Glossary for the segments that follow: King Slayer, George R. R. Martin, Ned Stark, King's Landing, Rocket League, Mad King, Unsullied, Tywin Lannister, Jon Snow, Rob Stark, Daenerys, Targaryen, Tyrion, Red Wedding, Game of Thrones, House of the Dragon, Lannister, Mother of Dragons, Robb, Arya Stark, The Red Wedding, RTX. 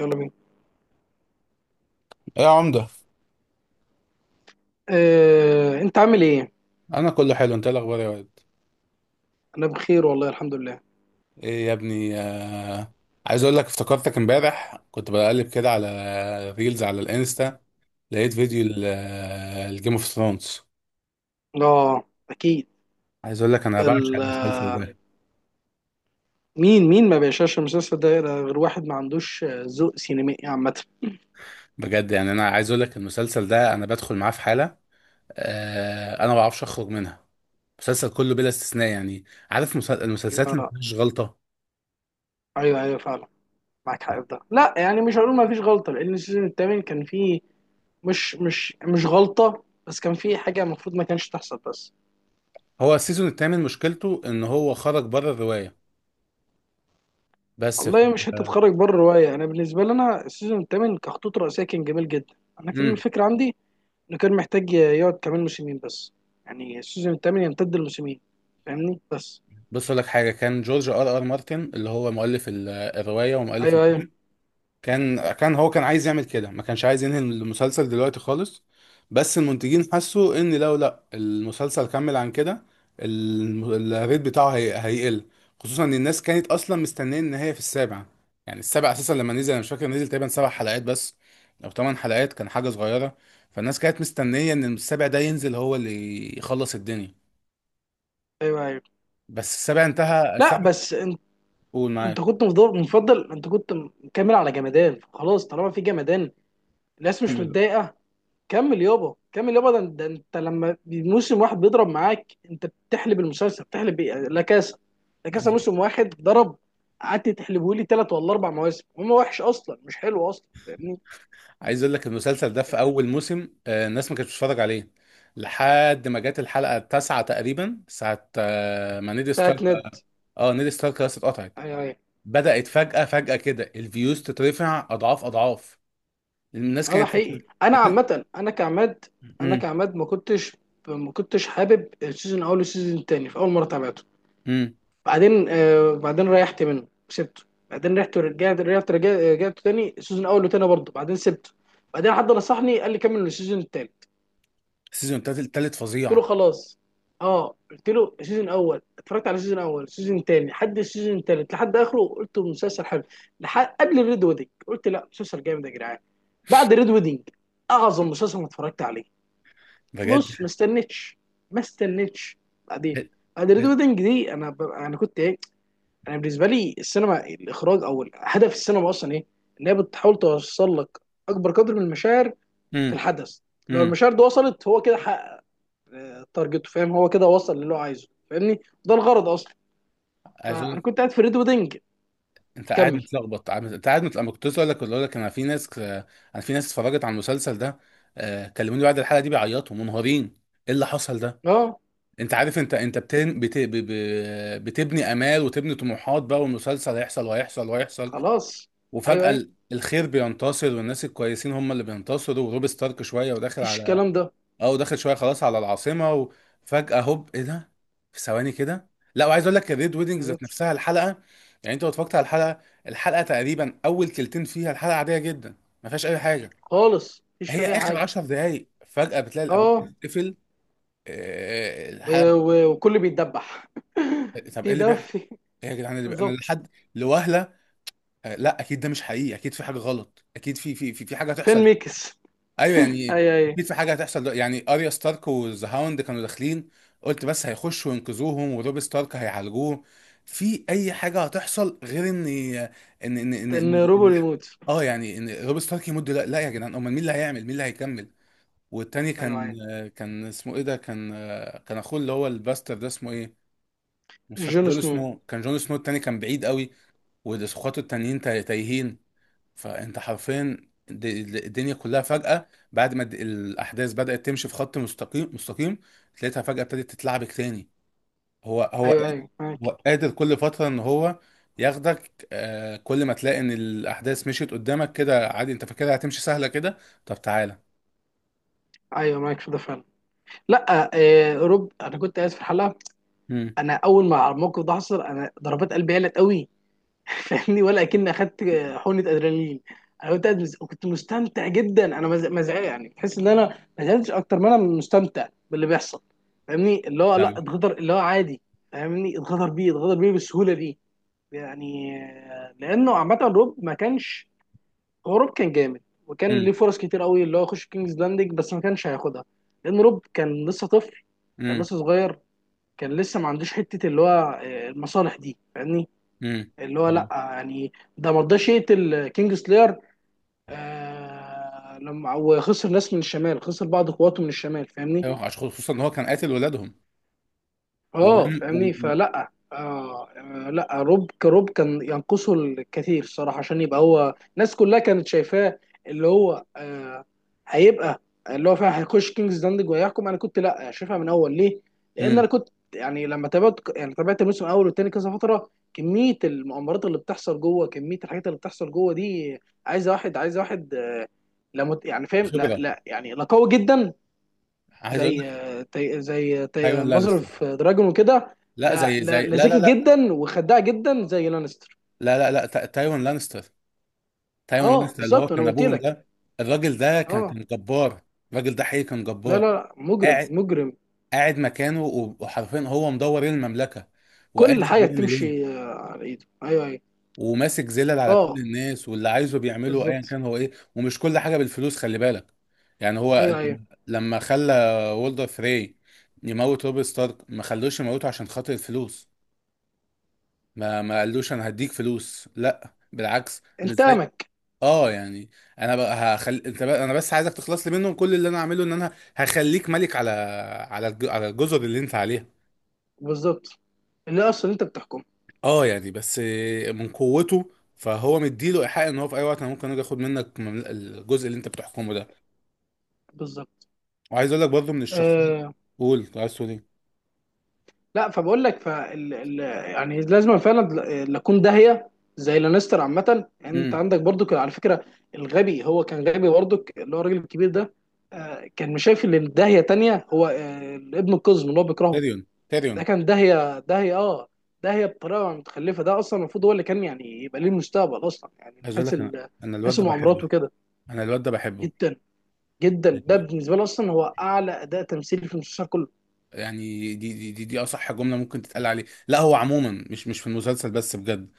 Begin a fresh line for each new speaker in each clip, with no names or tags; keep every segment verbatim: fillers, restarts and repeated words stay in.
يلا بينا.
إيه يا عمدة؟
آه، انت عامل ايه؟
انا كله حلو، انت إيه الاخبار يا واد؟
انا بخير والله الحمد لله.
ايه يا ابني آه... عايز اقول لك افتكرتك امبارح، كنت بقلب كده على ريلز على الانستا، لقيت فيديو الجيم اوف ثرونز.
اه اكيد.
عايز اقول لك انا بعشق
ال-
المسلسل ده.
مين مين ما بيشاش المسلسل ده غير واحد ما عندوش آه، ذوق سينمائي عامه.
بجد، يعني انا عايز اقول لك المسلسل ده انا بدخل معاه في حالة آه... انا ما بعرفش اخرج منها. المسلسل كله بلا استثناء، يعني عارف، مسل... المسلسلات
لا
اللي ما
لا.
فيهاش غلطة.
ايوه ايوه فعلا. معاك حق في ده. لا يعني مش هقول ما فيش غلطه لان السيزون الثامن كان فيه مش مش مش غلطه، بس كان فيه حاجه المفروض ما كانش تحصل بس.
هو السيزون الثامن مشكلته ان هو خرج بره الرواية، بس ف...
والله مش هتتخرج بره الروايه. انا بالنسبه لي انا السيزون الثامن كخطوط رئيسيه كان جميل جدا. انا كان الفكره عندي انه كان محتاج يقعد كمان موسمين بس. يعني السيزون الثامن يمتد لموسمين فاهمني بس.
بص اقول لك حاجه. كان جورج ار ار مارتن اللي هو مؤلف ال- الروايه ومؤلف
ايوه ايوه.
الفيلم، كان كان هو كان عايز يعمل كده، ما كانش عايز ينهي المسلسل دلوقتي خالص، بس المنتجين حسوا ان لو لا المسلسل كمل عن كده الم- الريت بتاعه هي... هيقل، خصوصا ان الناس كانت اصلا مستنيه النهايه في السابع. يعني السابع اساسا لما نزل انا مش فاكر، نزل تقريبا سبع حلقات بس او ثمان حلقات، كان حاجه صغيره. فالناس كانت مستنيه ان السابع ده ينزل هو اللي يخلص الدنيا.
ايوه ايوه.
بس السابع انتهى
لا
السابع.
بس انت
قول
انت
معاك.
كنت مفضل, مفضل، انت كنت مكمل على جمدان خلاص طالما في جمدان الناس مش
كمل.
متضايقه. كمل يابا كمل يابا. ده, ده انت لما موسم واحد بيضرب معاك انت بتحلب المسلسل بتحلب إيه؟ لا كاسا. لا كاسا موسم واحد ضرب، قعدت تحلبه لي ثلاث ولا اربع مواسم هو وحش اصلا مش حلو اصلا فاهمني
عايز اقول لك المسلسل ده في
يعني.
اول موسم آه، الناس ما كانتش بتتفرج عليه لحد ما جت الحلقه التاسعه تقريبا، ساعه آه، ما نيد ستارك.
بتاعت ند.
اه، نيد ستارك خلاص اتقطعت.
ايوه ايوه.
بدات فجاه فجاه كده الفيوز تترفع اضعاف اضعاف. الناس
اه ده
كانت.
حقيقي. انا عامه انا كعماد، انا
امم.
كعماد ما كنتش، ما كنتش حابب السيزون الاول والسيزون التاني في اول مره تابعته.
امم.
بعدين آه بعدين ريحت منه سبته. بعدين رحت ورجعت رجعت رجعت رجعت تاني السيزون الاول وتاني برضه بعدين سبته. بعدين حد نصحني قال لي كمل السيزون التالت.
السيزون التالت، التالت
قلت له
فظيع.
خلاص. اه قلت له السيزون الاول، اتفرجت على السيزون الاول السيزون التاني لحد السيزون التالت لحد اخره، قلت مسلسل حلو لحد قبل الريد ويدنج. قلت لا مسلسل جامد يا جدعان. بعد الريد ويدنج اعظم مسلسل ما اتفرجت عليه.
بجد.
بص ما استنتش، ما استنتش. بعدين بعد ريد ويدنج دي انا ب... انا كنت ايه؟ انا بالنسبه لي السينما، الاخراج، او ال- هدف السينما اصلا ايه؟ ان هي بتحاول توصل لك اكبر قدر من المشاعر في
امم.
الحدث. لو
امم.
المشاعر دي وصلت هو كده حقق تارجته فاهم، هو كده وصل للي هو عايزه فاهمني. ده الغرض اصلا. فانا كنت قاعد في ريد ويدنج.
انت قاعد
كمل.
متلخبط، عم- انت قاعد متلخبط، انا كنت لسه اقول لك اقول لك انا في ناس انا في ناس اتفرجت على المسلسل ده، آه، كلموني بعد الحلقه دي بيعيطوا منهارين. ايه اللي حصل ده؟
اه
انت عارف، انت انت بتن... بت... ب... ب... بتبني امال وتبني طموحات بقى، والمسلسل هيحصل وهيحصل وهيحصل،
خلاص. ايوه
وفجاه
ايوه.
ال- الخير بينتصر، والناس الكويسين هم اللي بينتصروا، وروب ستارك شويه وداخل
مفيش
على.
الكلام ده.
اه، ودخل شويه خلاص على العاصمه، وفجاه هوب، ايه ده؟ في ثواني كده. لا، وعايز اقول لك الريد ويدنج ذات
بالظبط.
نفسها الحلقه. يعني انت لو اتفرجت على الحلقه، الحلقه تقريبا اول كلتين فيها الحلقه عاديه جدا، ما فيهاش اي حاجه.
خالص مفيش في
هي
اي
اخر
حاجه.
عشرة دقائق فجاه بتلاقي الابواب
اه
بتتقفل، آه،
و-
الحلقه.
و- وكل بيتدبح.
طب ايه
في
اللي
ده
بيحصل؟
في.
ايه يا جدعان اللي بي... انا
بالظبط.
لحد لوهله آه، لا، اكيد ده مش حقيقي، اكيد في حاجه غلط، اكيد في في في, في حاجه
فين
هتحصل.
ميكس.
ايوه يعني،
ايوه ايوه.
اكيد في حاجه هتحصل، دل- يعني اريا ستارك والذا هاوند كانوا داخلين، قلت بس هيخشوا وينقذوهم وروب ستارك هيعالجوه، في اي حاجه هتحصل غير ان ان ان ان,
ان
إن...
روبو
إن...
يموت.
اه يعني ان روب ستارك يمد. لا، لا يا جدعان، امال مين اللي هيعمل، مين اللي هيكمل. والتاني
ايوه
كان،
ايوه.
كان اسمه ايه ده؟ كان كان اخوه اللي هو الباستر ده اسمه ايه؟ مش فاكر،
جون
جون
سنو.
سنو كان، جون سنو التاني كان بعيد قوي، واخواته التانيين تايهين. فانت حرفيا د- الدنيا كلها فجأة بعد ما الد- الاحداث بدأت تمشي في خط مستقيم مستقيم، تلاقيها فجأة ابتدت تتلعبك تاني. هو هو
ايوه
قادر،
ايوه
هو
معاك.
قادر كل فترة ان هو ياخدك. آه كل ما تلاقي ان الاحداث مشيت قدامك كده عادي، انت فاكرها هتمشي سهلة كده، طب تعالى.
ايوه معاك في ده فعلا. لا آه روب انا كنت قاعد في الحلقه.
امم.
انا اول ما الموقف ده حصل انا ضربات قلبي قلت قوي فاهمني، ولا اكن اخدت حقنه ادرينالين. انا كنت قاعد مز- كنت مستمتع جدا، انا مز- مزعج يعني، تحس ان انا ما زعلتش اكتر ما انا مستمتع باللي بيحصل فاهمني. اللي هو لا
فاهمك.
اتغدر، اللي هو عادي فاهمني، اتغدر بيه، اتغدر بيه بالسهوله دي. يعني آه، لانه عامه روب ما كانش، هو روب كان جامد. وكان
امم.
ليه فرص كتير قوي اللي هو يخش كينجز لاندنج بس ما كانش هياخدها. لان روب كان لسه طفل، كان
امم.
لسه صغير، كان لسه ما عندوش حته اللي هو آه، المصالح دي فاهمني.
امم.
اللي هو لا
فاهم.
يعني. ده ما رضاش يقتل كينج سلاير آه لما وخسر ناس من الشمال، خسر بعض قواته من الشمال فاهمني.
ايوه، عشان خصوصا ان هو كان قاتل ولادهم
اه
ودم و...
فاهمني
و...
فلا آه آه، لا روب كروب كان ينقصه الكثير الصراحه عشان يبقى هو، الناس كلها كانت شايفاه اللي هو آه هيبقى اللي هو فعلا هيخش كينجز داندج وهيحكم. انا كنت لا شايفها من اول ليه؟ لان انا
امم.
كنت يعني لما تابعت، يعني تابعت الموسم الاول والتاني كذا فتره، كميه المؤامرات اللي بتحصل جوه، كميه الحاجات اللي بتحصل جوه دي. عايزه واحد عايزه واحد آه، لا مت- يعني فاهم. لا
خبرة.
لا يعني لا قوي جدا.
عايز اقول
زي
لك.
تي... زي
ايوه،
تي...
لانستر.
مظرف دراجون وكده.
لا،
لا
زي
لا
زي
لا
لا لا
ذكي
لا
جدا وخداع جدا زي لانستر.
لا لا لا تا- تايوان لانستر. تايوان
اه
لانستر اللي هو
بالظبط انا
كان
قلت
ابوهم
لك.
ده. الراجل ده كان
اه.
كان جبار. الراجل ده حقيقي كان
لا
جبار.
لا لا مجرم
قاعد.
مجرم.
قاعد مكانه و- وحرفيا هو مدور إيه المملكه، وقادر
كل حاجه
بيعمل
تمشي
ايه،
آه، على ايده. ايوه ايوه.
وماسك زلل على كل
اه
الناس، واللي عايزه بيعمله ايا
بالظبط.
كان هو ايه، ومش كل حاجه بالفلوس، خلي بالك. يعني هو
ايوه ايوه
لما لما خلى وولدر فري يموت روب ستارك، ما خلوش يموته عشان خاطر الفلوس. ما ما قالوش انا هديك فلوس، لا، بالعكس، مش زي،
انتقامك.
اه يعني انا بقى، هخل... انت بقى... انا بس عايزك تخلص لي منهم، كل اللي انا هعمله ان انا هخليك ملك على على الج... على الجزر اللي انت عليها،
بالظبط. اللي اصلا انت بتحكم.
اه يعني، بس من قوته. فهو مديله ايحاء ان هو في اي وقت انا ممكن اجي اخد منك ممل- الجزء اللي انت بتحكمه ده.
بالظبط.
وعايز اقول لك برضه من الشخصيات،
آه،
قول كنت عايز تقول ايه.
لا فبقول لك فال... ال... يعني لازم فعلا لا اكون داهيه زي لانستر عامه. انت
امم.
عندك برضو كان على فكره الغبي، هو كان غبي برضو اللي هو الراجل الكبير ده آه، كان مش شايف ان داهيه تانية هو آه، ابن القزم اللي هو بيكرهه،
تيريون
ده
تيريون.
كان داهيه داهيه اه، داهيه بطريقه متخلفه. ده اصلا المفروض هو اللي كان يعني يبقى ليه المستقبل اصلا، يعني من
عايز اقول
حيث
لك
ال...
انا،
من
انا الواد
حيث
ده
المؤامرات
بحبه.
وكده.
انا الواد ده بحبه.
جدا جدا، ده
يعني.
بالنسبه لي اصلا هو اعلى اداء تمثيلي في المسلسل كله.
يعني دي دي دي, دي اصح جمله ممكن تتقال عليه، لا هو عموما مش مش في المسلسل بس بجد.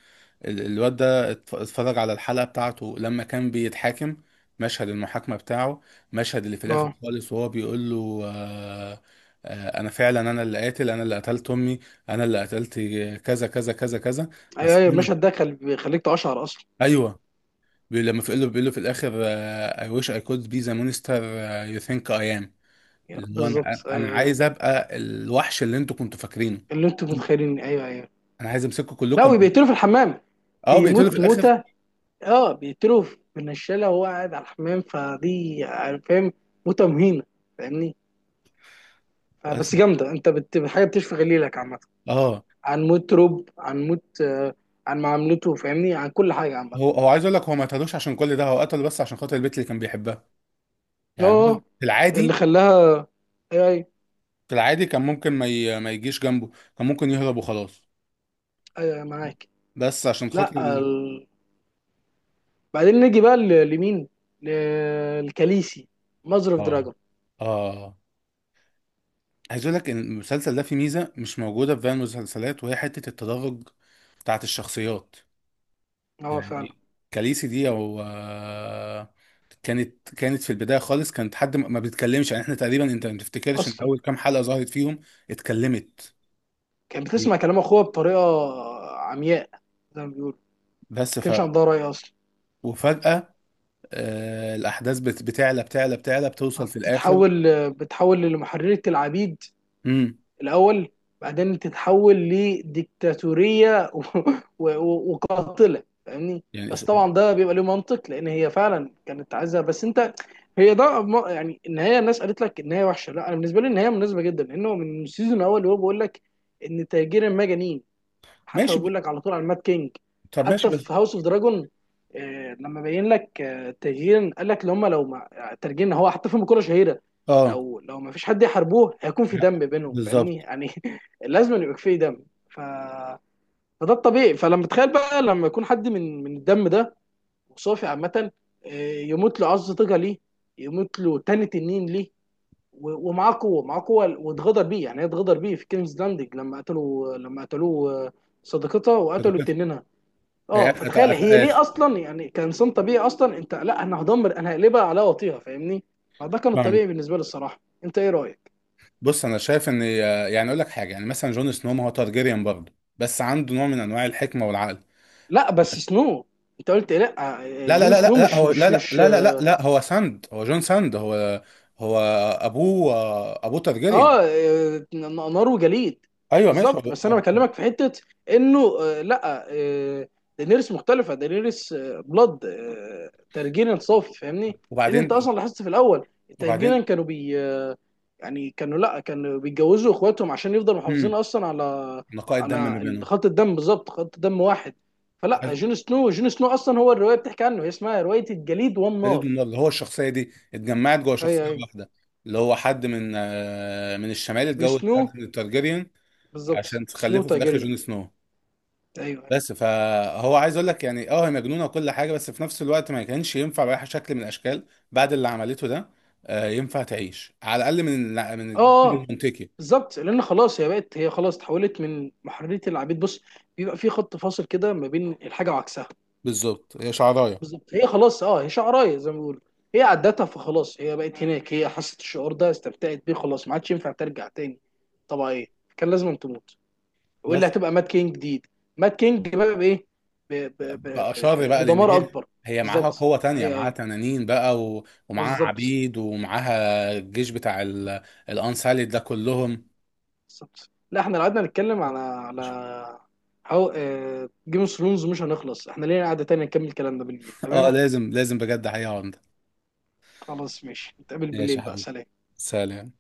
ال- الواد ده اتف- اتفرج على الحلقة بتاعته لما كان بيتحاكم. مشهد المحاكمة بتاعه، مشهد اللي في الآخر
اه.
خالص وهو بيقول له آه آه أنا فعلا، أنا اللي قاتل، أنا اللي قتلت أمي، أنا اللي قتلت كذا كذا كذا كذا.
ايوه
بس
ايوه المشهد ده خل... بيخليك تقشعر اصلا.
أيوه. بي- لما في- بيقول له بيقول له في الآخر آه I wish I could be the monster آه, you think I am،
أيوة،
اللي هو أنا
بالظبط
أنا
ايوه ايوه.
عايز أبقى الوحش اللي أنتوا كنتوا فاكرينه.
اللي انتم متخيلين ايوه ايوه.
أنا عايز أمسككم
لا
كلكم.
وبيقتلوا في الحمام.
اه، بيقتلوا في
بيموت
الآخر.
موته، اه بيقتلوا بالنشاله وهو قاعد على الحمام، فدي يعني فاهم، موته مهينه فاهمني.
بس.
فبس جامده، انت بت... حاجه بتشفي غليلك عامه.
اه.
عن موت روب، عن موت آه عن معاملته فاهمني، عن كل حاجه عامه.
هو هو عايز اقول لك، هو ما اتهدوش عشان كل ده، هو قتله بس عشان خاطر البنت اللي كان بيحبها. يعني هو
اه.
في
اللي
العادي،
خلاها. ايوه ايوه.
في العادي كان ممكن ما ي... ما يجيش جنبه، كان ممكن يهرب وخلاص،
ايوه معاك.
بس عشان خاطر
لا
ال-
ال... بعدين نيجي بقى ل- لمين؟ ل- لكاليسي. ماذر اوف
اه،
دراجون.
اه. عايز اقول لك ان المسلسل ده فيه ميزه مش موجوده في باقي المسلسلات، وهي حته التدرج بتاعت الشخصيات.
اه فعلا
يعني كاليسي دي او آه، كانت كانت في البدايه خالص، كانت حد ما ما بيتكلمش، يعني احنا تقريبا انت ما تفتكرش ان
اصلا.
اول كام حلقه ظهرت فيهم اتكلمت.
كانت بتسمع كلام اخوها بطريقه عمياء زي ما بيقولوا، ما
بس، ف
كانش عندها راي اصلا.
وفجأة آه الأحداث بت- بتعلى بتعلى بتعلى بتوصل في الآخر.
بتتحول، بتتحول لمحررة العبيد
امم.
الاول، بعدين تتحول لديكتاتوريه و... و... وقاتله فاهمني.
يعني
بس
إس-
طبعا ده بيبقى له منطق لان هي فعلا كانت عايزه، بس انت هي ده م- يعني النهايه، الناس قالت لك النهايه وحشه. لا انا بالنسبه لي النهايه مناسبه جدا، لانه من السيزون الاول وهو بيقول لك ان تاجير المجانين، حتى هو
ماشي، ب...
بيقول لك على طول على المات كينج.
طب ماشي
حتى
بس.
في هاوس اوف دراجون لما بين لك آه، التغيير، قال لك لو هم لو ما ترجينا. هو حتى في مقولة شهيرة،
اه.
لو لو ما فيش حد يحاربوه هيكون في دم بينهم
بالظبط.
فاهمني، يعني لازم يبقى في دم. ف... فده الطبيعي، فلما تخيل بقى لما يكون حد من من الدم ده وصافي عامة آه، يموت له عظ طاقة ليه؟ يموت له تاني تنين ليه؟ و- ومعاه قوه، معاه قوه، واتغدر بيه يعني. هي اتغدر بيه في كينجز لاندنج لما قتلوا، لما قتلوه آه، صديقتها وقتلوا
شركات.
تنينها.
هي-
اه.
أت-
فتخيل
أت-
هي ليه
أت-
اصلا، يعني كانسان طبيعي اصلا انت، لا انا هدمر انا هقلبها على وطيها فاهمني. فده كان
فاهمك.
الطبيعي بالنسبه لي الصراحه. انت ايه رايك؟
بص أنا شايف إن آه، يعني أقول لك حاجة، يعني مثلا جون سنو ما هو تارجيريان برضه، بس عنده نوع من أنواع الحكمة والعقل.
لا بس سنو، انت قلت إيه؟ لا آه،
لا لا
جون
لا لا
سنو
لا،
مش
هو لا
مش
لا
مش.
لا لا لا، لا هو ساند، هو جون ساند، هو. هو أبوه آه، أبوه تارجيريان.
اه آه، نار وجليد.
أيوه ماشي
بالظبط، بس انا
هو-
بكلمك في حته انه آه لا آه دينيريس مختلفه، دينيريس آه بلاد آه ترجينا صافي فاهمني. لان انت
وبعدين.
اصلا لاحظت في الاول
وبعدين.
الترجينا كانوا بي آه يعني كانوا، لا كانوا بيتجوزوا اخواتهم عشان يفضلوا محافظين
امم.
اصلا على
نقاء الدم ما
على
بينهم.
خط الدم، بالظبط خط دم واحد. فلا جون سنو جون سنو اصلا هو الروايه بتحكي عنه، هي اسمها روايه الجليد
جديد
والنار.
من النار، اللي هو الشخصيه دي اتجمعت جوه شخصيه
ايوه ايوه.
واحده، اللي هو حد من آه، من الشمال
من
اتجوز
سنو.
حد من التارجيريان
بالظبط
عشان
سنو
تخلفه في الاخر
تايجيريا.
جون سنو.
ايوه أيوه.
بس فهو عايز اقول لك يعني، اه هي مجنونه وكل حاجه، بس في نفس الوقت ما كانش ينفع باي شكل من الاشكال بعد اللي عملته ده، آه، ينفع تعيش على الاقل من من
اه
الجيل
اه
المنطقي.
بالظبط، لان خلاص هي بقت، هي خلاص اتحولت من محرريه العبيد. بص بيبقى في خط فاصل كده ما بين الحاجه وعكسها.
بالظبط، هي شعرايه.
بالظبط هي خلاص اه، هي شعرايه زي ما بيقولوا، هي عدتها، فخلاص هي بقت هناك، هي حست الشعور ده استمتعت بيه، خلاص ما عادش ينفع ترجع تاني طبيعيه، كان لازم تموت. واللي
بس
هتبقى مات كينج جديد. مات كينج بقى بايه؟ ب- ب- ب-
بقى
ب-
شر
ب-
بقى لان
بدمار
هي
اكبر.
هي معاها
بالظبط
قوة تانية،
ايوه
معاها
ايوه.
تنانين بقى، و... ومعاها
بالظبط.
عبيد، ومعاها الجيش بتاع ال... الانساليد ده كلهم.
بالظبط. لا احنا لو قعدنا نتكلم على على هاو جيم اوف ثرونز مش هنخلص. احنا لينا قعدة تانية نكمل الكلام ده بالليل،
اه،
تمام؟
لازم لازم بجد حقيقة عمدة.
خلاص ماشي، نتقابل
ماشي
بالليل
يا
بقى.
حبيبي،
سلام.
سلام.